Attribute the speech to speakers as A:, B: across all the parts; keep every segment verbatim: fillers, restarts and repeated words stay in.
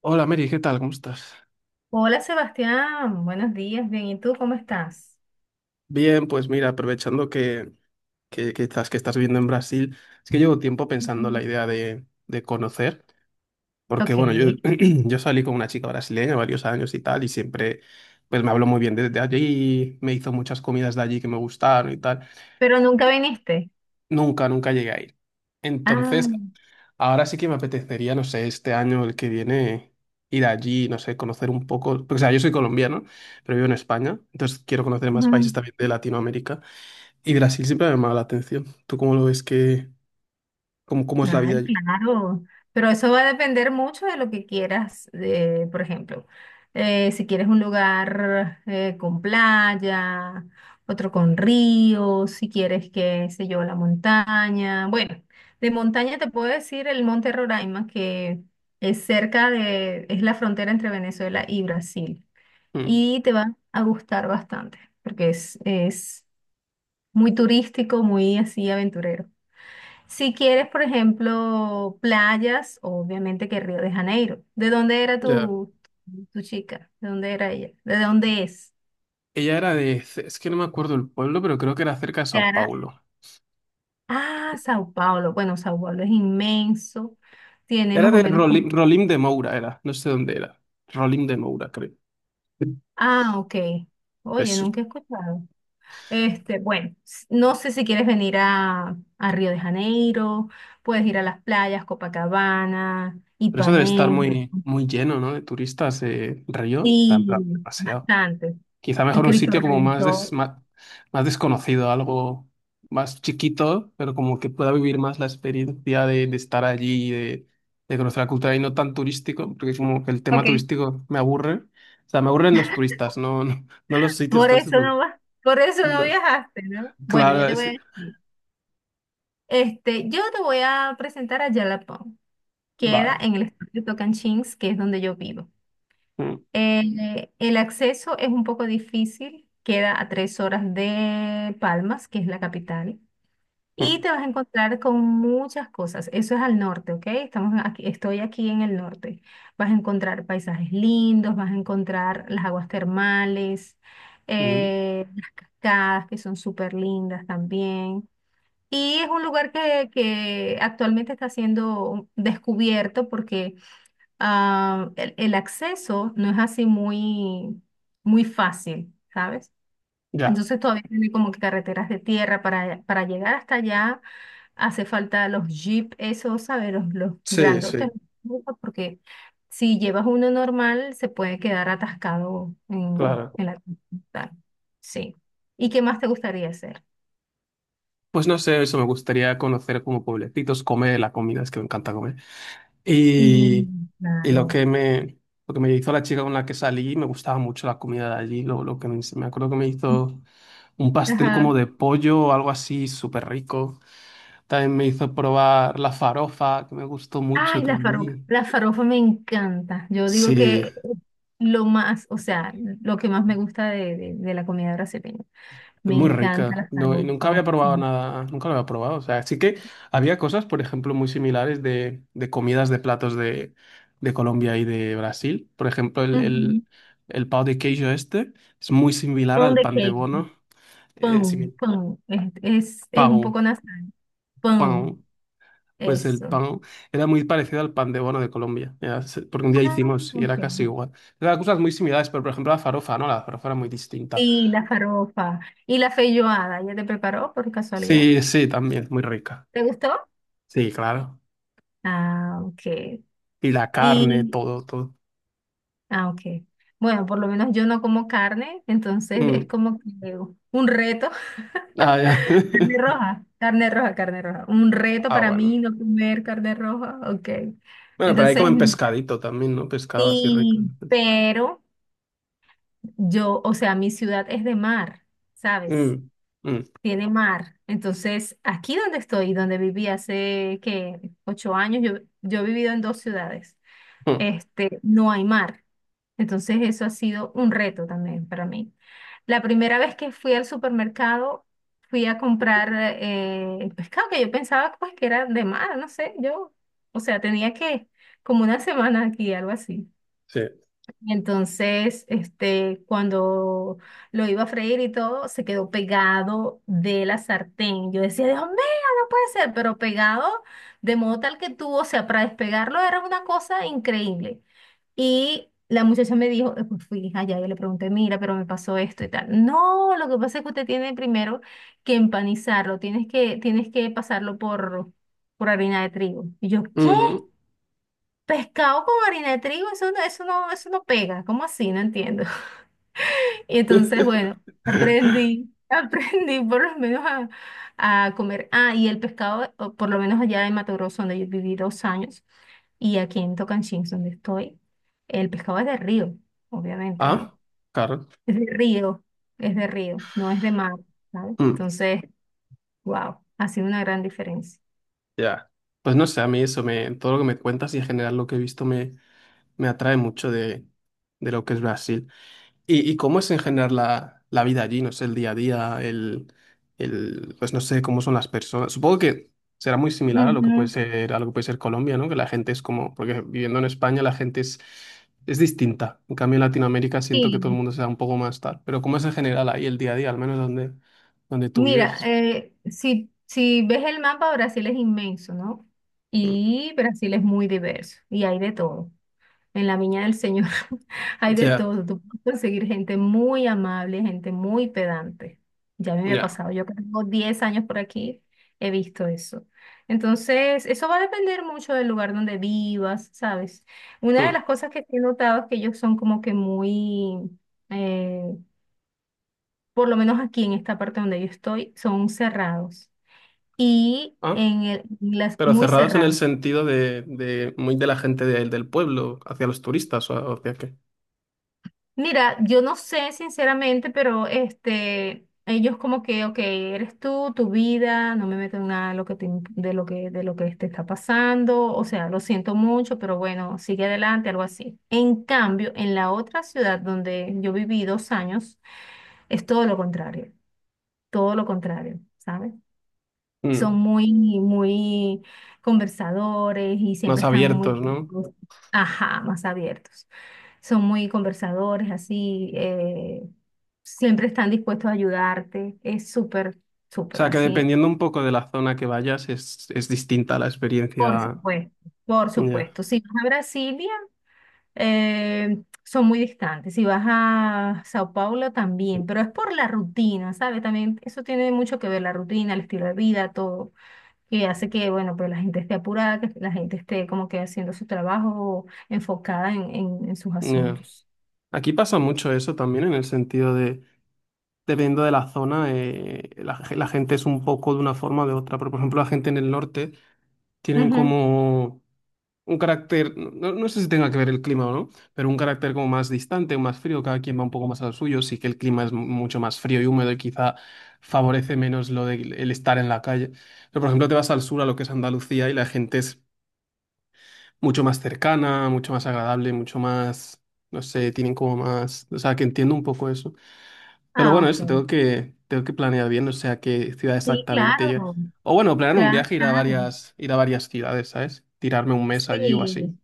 A: Hola Mary, ¿qué tal? ¿Cómo estás?
B: Hola Sebastián, buenos días, bien, ¿y tú cómo estás?
A: Bien, pues mira, aprovechando que, que, que estás, que estás viviendo en Brasil, es que llevo tiempo pensando la
B: Ujú.
A: idea de, de conocer, porque
B: Ok,
A: bueno, yo, yo salí con una chica brasileña varios años y tal, y siempre pues me habló muy bien desde allí, me hizo muchas comidas de allí que me gustaron y tal.
B: pero nunca viniste.
A: Nunca, nunca llegué a ir.
B: Ah.
A: Entonces, ahora sí que me apetecería, no sé, este año, el que viene, ir allí, no sé, conocer un poco, porque o sea, yo soy colombiano, pero vivo en España, entonces quiero conocer más países
B: Ujú.
A: también de Latinoamérica. Y Brasil siempre me ha llamado la atención. ¿Tú cómo lo ves que, cómo, cómo es la vida
B: Ay,
A: allí?
B: claro, pero eso va a depender mucho de lo que quieras, eh, por ejemplo, eh, si quieres un lugar eh, con playa, otro con río, si quieres, qué sé yo, la montaña. Bueno, de montaña te puedo decir el Monte Roraima, que es cerca de, es la frontera entre Venezuela y Brasil.
A: Mm,
B: Y te va a gustar bastante, porque es, es muy turístico, muy así aventurero. Si quieres, por ejemplo, playas, obviamente que Río de Janeiro. ¿De dónde era
A: ya.
B: tu, tu chica? ¿De dónde era ella? ¿De dónde es?
A: Ella era de, C- es que no me acuerdo el pueblo, pero creo que era cerca de Sao
B: Cara.
A: Paulo.
B: Ah, Sao Paulo. Bueno, Sao Paulo es inmenso. Tiene
A: Era
B: más o
A: de
B: menos
A: Rolim,
B: como...
A: Rolim de Moura, era. No sé dónde era. Rolim de Moura, creo.
B: Ah, ok. Oye,
A: Eso.
B: nunca he escuchado. Este, bueno, s- no sé si quieres venir a, a Río de Janeiro, puedes ir a las playas, Copacabana,
A: Pero eso debe estar
B: Ipanema.
A: muy, muy lleno, ¿no? De turistas de Río. En plan,
B: Sí,
A: demasiado.
B: bastante.
A: Quizá
B: El
A: mejor un
B: Cristo
A: sitio como más, des-
B: Redentor.
A: ma- más, desconocido, algo más chiquito, pero como que pueda vivir más la experiencia de, de estar allí y de, de conocer la cultura y no tan turístico, porque como que el tema
B: Ok.
A: turístico me aburre. O sea, me aburren los turistas, no, no, no los sitios
B: Por eso
A: turísticos.
B: no vas, por eso no
A: No.
B: viajaste, ¿no? Bueno,
A: Claro,
B: yo te voy a
A: es...
B: decir. Este, yo te voy a presentar a Jalapão. Queda
A: Vale.
B: en el estado de Tocantins, que es donde yo vivo.
A: Mm,
B: Eh, el acceso es un poco difícil, queda a tres horas de Palmas, que es la capital.
A: mm,
B: Y te vas a encontrar con muchas cosas. Eso es al norte, ¿ok? Estamos aquí, estoy aquí en el norte. Vas a encontrar paisajes lindos, vas a encontrar las aguas termales,
A: mm.
B: eh, las cascadas que son súper lindas también. Y es un lugar que, que actualmente está siendo descubierto porque ah, el, el acceso no es así muy, muy fácil, ¿sabes?
A: Ya.
B: Entonces todavía tiene como que carreteras de tierra para, para llegar hasta allá. Hace falta los jeep, esos, ¿sabes? Los, los
A: Sí,
B: grandotes,
A: sí,
B: ¿no? Porque si llevas uno normal se puede quedar atascado en,
A: claro.
B: en la ruta. Sí. ¿Y qué más te gustaría hacer?
A: Pues no sé, eso me gustaría conocer como pueblecitos, comer la comida, es que me encanta comer.
B: Sí,
A: Y, y lo
B: claro.
A: que me, lo que me hizo la chica con la que salí, me gustaba mucho la comida de allí. Lo, lo que me, me acuerdo que me hizo un pastel como
B: Ajá.
A: de pollo o algo así, súper rico. También me hizo probar la farofa, que me gustó mucho
B: Ay, la farofa.
A: también.
B: La farofa me encanta. Yo digo
A: Sí,
B: que lo más, o sea, lo que más me gusta de, de- de la comida brasileña. Me
A: muy
B: encanta
A: rica.
B: la
A: No, y nunca había
B: farofa.
A: probado
B: Sí.
A: nada, nunca lo había probado. O sea, sí que había cosas, por ejemplo, muy similares de, de comidas de platos de, de Colombia y de Brasil. Por ejemplo, el,
B: Ujú.
A: el, el pão de queijo este es muy similar
B: Pão
A: al
B: de
A: pan de
B: queijo.
A: bono. Eh,
B: Pão,
A: simi-
B: pão. Es, es, es un
A: pão,
B: poco nasal. Pão.
A: pão. Pues el
B: Eso.
A: pan era muy parecido al pan de bono de Colombia. Era se- porque un día
B: Ah,
A: hicimos y
B: ok.
A: era casi igual. Eran cosas muy similares, pero por ejemplo la farofa, ¿no? La farofa era muy distinta.
B: Sí, la farofa. Y la feijoada. ¿Ya te preparó por casualidad?
A: Sí, sí, también, muy rica.
B: ¿Te gustó?
A: Sí, claro.
B: Ah, ok.
A: Y la carne,
B: Y,
A: todo, todo.
B: ah, ok. Bueno, por lo menos yo no como carne, entonces es
A: Mm.
B: como que un reto.
A: Ah, ya.
B: Carne roja, carne roja, carne roja. Un reto
A: Ah,
B: para
A: bueno.
B: mí no comer carne roja. Ok.
A: Bueno, pero ahí
B: Entonces,
A: comen pescadito también, ¿no? Pescado así rico.
B: sí, pero. Yo, o sea, mi ciudad es de mar, ¿sabes?
A: Mm, mm,
B: Tiene mar. Entonces, aquí donde estoy, donde viví hace que ocho años, yo, yo he vivido en dos ciudades.
A: mm,
B: Este, no hay mar. Entonces, eso ha sido un reto también para mí. La primera vez que fui al supermercado, fui a comprar eh, pescado que yo pensaba pues que era de mar, no sé, yo, o sea, tenía que como una semana aquí, algo así.
A: sí.
B: Y entonces, este, cuando lo iba a freír y todo, se quedó pegado de la sartén. Yo decía, Dios mío, no puede ser, pero pegado de modo tal que tuvo, o sea, para despegarlo era una cosa increíble. Y la muchacha me dijo, eh, pues fui allá, yo le pregunté, mira, pero me pasó esto y tal. No, lo que pasa es que usted tiene primero que empanizarlo, tienes que, tienes que pasarlo por, por harina de trigo. Y yo, ¿qué?
A: Ujú.
B: Pescado con harina de trigo, eso no, eso no, eso no pega, ¿cómo así? No entiendo. Y entonces, bueno, aprendí, aprendí por lo menos a, a comer. Ah, y el pescado, o por lo menos allá en Mato Grosso, donde yo viví dos años, y aquí en Tocanchins, donde estoy, el pescado es de río, obviamente, ¿no?
A: Ah, claro.
B: Es de río, es de río, no es de mar, ¿sabes?
A: Mm,
B: Entonces, wow, ha sido una gran diferencia.
A: ya. Pues no sé, a mí eso me, todo lo que me cuentas y en general lo que he visto me, me atrae mucho de, de lo que es Brasil. ¿Y, y cómo es en general la, la vida allí? No sé, el día a día, el, el, pues no sé cómo son las personas. Supongo que será muy similar a lo que puede
B: Ujú.
A: ser, a lo que puede ser Colombia, ¿no? Que la gente es como, porque viviendo en España la gente es, es distinta. En cambio, en Latinoamérica siento que todo el
B: Sí.
A: mundo se da un poco más tal. Pero ¿cómo es en general ahí el día a día, al menos donde, donde tú
B: Mira,
A: vives?
B: eh, si, si ves el mapa, Brasil es inmenso, ¿no?
A: Mm.
B: Y Brasil es muy diverso y hay de todo. En la Viña del Señor hay de
A: Ya,
B: todo. Tú puedes conseguir gente muy amable, gente muy pedante. Ya me había
A: ya.
B: pasado. Yo que tengo diez años por aquí, he visto eso. Entonces, eso va a depender mucho del lugar donde vivas, ¿sabes? Una de
A: Mm.
B: las cosas que sí he notado es que ellos son como que muy... eh, por lo menos aquí en esta parte donde yo estoy, son cerrados y
A: Ah,
B: en el- las
A: pero
B: muy
A: cerrados en el
B: cerrados.
A: sentido de, de muy de la gente del del pueblo, hacia los turistas o hacia qué.
B: Mira, yo no sé sinceramente, pero este, ellos como que, ok, eres tú, tu vida, no me meto en nada de lo que te, imp- de lo que, de lo que te está pasando, o sea, lo siento mucho, pero bueno, sigue adelante, algo así. En cambio, en la otra ciudad donde yo viví dos años, es todo lo contrario, todo lo contrario, ¿sabes? Son
A: Mm,
B: muy, muy conversadores y siempre
A: más
B: están muy,
A: abiertos, ¿no?
B: ajá, más abiertos. Son muy conversadores, así, eh, siempre están dispuestos a ayudarte. Es súper,
A: O
B: súper
A: sea, que
B: así.
A: dependiendo un poco de la zona que vayas, es, es distinta la
B: Por
A: experiencia.
B: supuesto, por
A: Ya,
B: supuesto. Si vas a Brasilia, eh, son muy distantes. Si vas a Sao Paulo también, pero es por la rutina, ¿sabes? También eso tiene mucho que ver, la rutina, el estilo de vida, todo. Que hace que, bueno, pues la gente esté apurada, que la gente esté como que haciendo su trabajo enfocada en, en, en sus
A: ya.
B: asuntos.
A: Aquí pasa mucho eso también, en el sentido de, dependiendo de la zona, eh, la, ge- la gente es un poco de una forma o de otra. Pero, por ejemplo, la gente en el norte tienen
B: Ujú.
A: como un carácter, no, no sé si tenga que ver el clima o no, pero un carácter como más distante o más frío, cada quien va un poco más al suyo. Sí que el clima es mucho más frío y húmedo y quizá favorece menos lo de el estar en la calle. Pero, por ejemplo, te vas al sur, a lo que es Andalucía, y la gente es mucho más cercana, mucho más agradable, mucho más, no sé, tienen como más, o sea, que entiendo un poco eso. Pero
B: Ah,
A: bueno,
B: ok.
A: eso, tengo que, tengo que planear bien, o sea, qué ciudad
B: Sí,
A: exactamente
B: claro,
A: yo. O bueno, planear un
B: claro,
A: viaje, ir a
B: claro.
A: varias, ir a varias ciudades, ¿sabes? Tirarme un mes allí o
B: Sí.
A: así.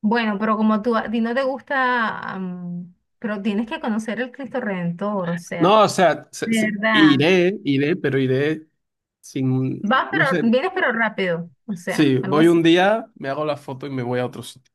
B: Bueno, pero como tú, a ti no te gusta, am, pero tienes que conocer el Cristo Redentor, o sea,
A: No, o sea, se-
B: de
A: se-
B: verdad.
A: iré, iré, pero iré sin,
B: Vas,
A: no
B: pero
A: sé,
B: vienes, pero rápido, o sea,
A: sí,
B: algo
A: voy
B: así.
A: un día, me hago la foto y me voy a otro sitio.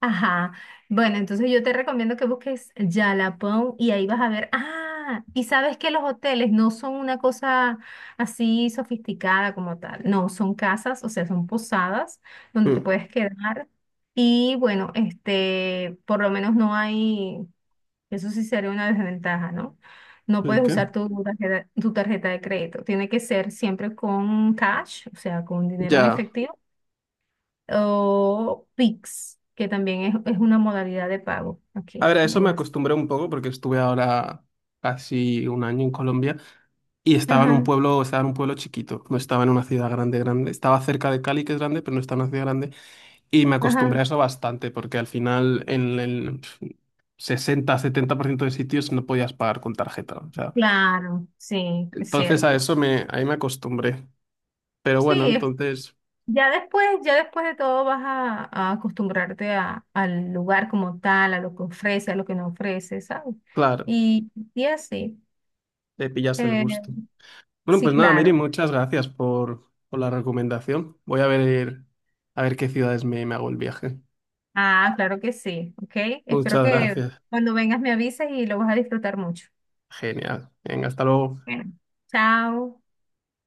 B: Ajá. Bueno, entonces yo te recomiendo que busques Jalapão y ahí vas a ver. Ah, y sabes que los hoteles no son una cosa así sofisticada como tal. No, son casas, o sea, son posadas donde te
A: Mm,
B: puedes quedar. Y bueno, este, por lo menos no hay, eso sí sería una desventaja, ¿no? No
A: ¿el
B: puedes
A: qué?
B: usar tu tarjeta, tu tarjeta de crédito. Tiene que ser siempre con cash, o sea, con dinero en
A: Ya.
B: efectivo o Pix, que también es, es una modalidad de pago
A: A
B: aquí
A: ver, a eso
B: en
A: me
B: Brasil.
A: acostumbré un poco porque estuve ahora casi un año en Colombia. Y estaba en un
B: Ajá,
A: pueblo, estaba en un pueblo chiquito, no estaba en una ciudad grande, grande. Estaba cerca de Cali, que es grande, pero no estaba en una ciudad grande. Y me acostumbré a
B: ajá,
A: eso bastante, porque al final en el sesenta setenta por ciento de sitios no podías pagar con tarjeta. O sea,
B: claro, sí, es
A: entonces a
B: cierto.
A: eso me, ahí me acostumbré. Pero bueno,
B: Sí, es-
A: entonces,
B: ya después, ya después de todo vas a, a acostumbrarte a- al lugar como tal, a lo que ofrece, a lo que no ofrece, ¿sabes?
A: claro,
B: Y, y así.
A: le pillas el
B: Eh,
A: gusto. Bueno,
B: sí,
A: pues nada, Mary,
B: claro.
A: muchas gracias por, por la recomendación. Voy a ver, a ver qué ciudades me, me hago el viaje.
B: Ah, claro que sí, ¿ok? Espero
A: Muchas
B: que
A: gracias.
B: cuando vengas me avises y lo vas a disfrutar mucho.
A: Genial. Venga, hasta luego.
B: Bueno, chao.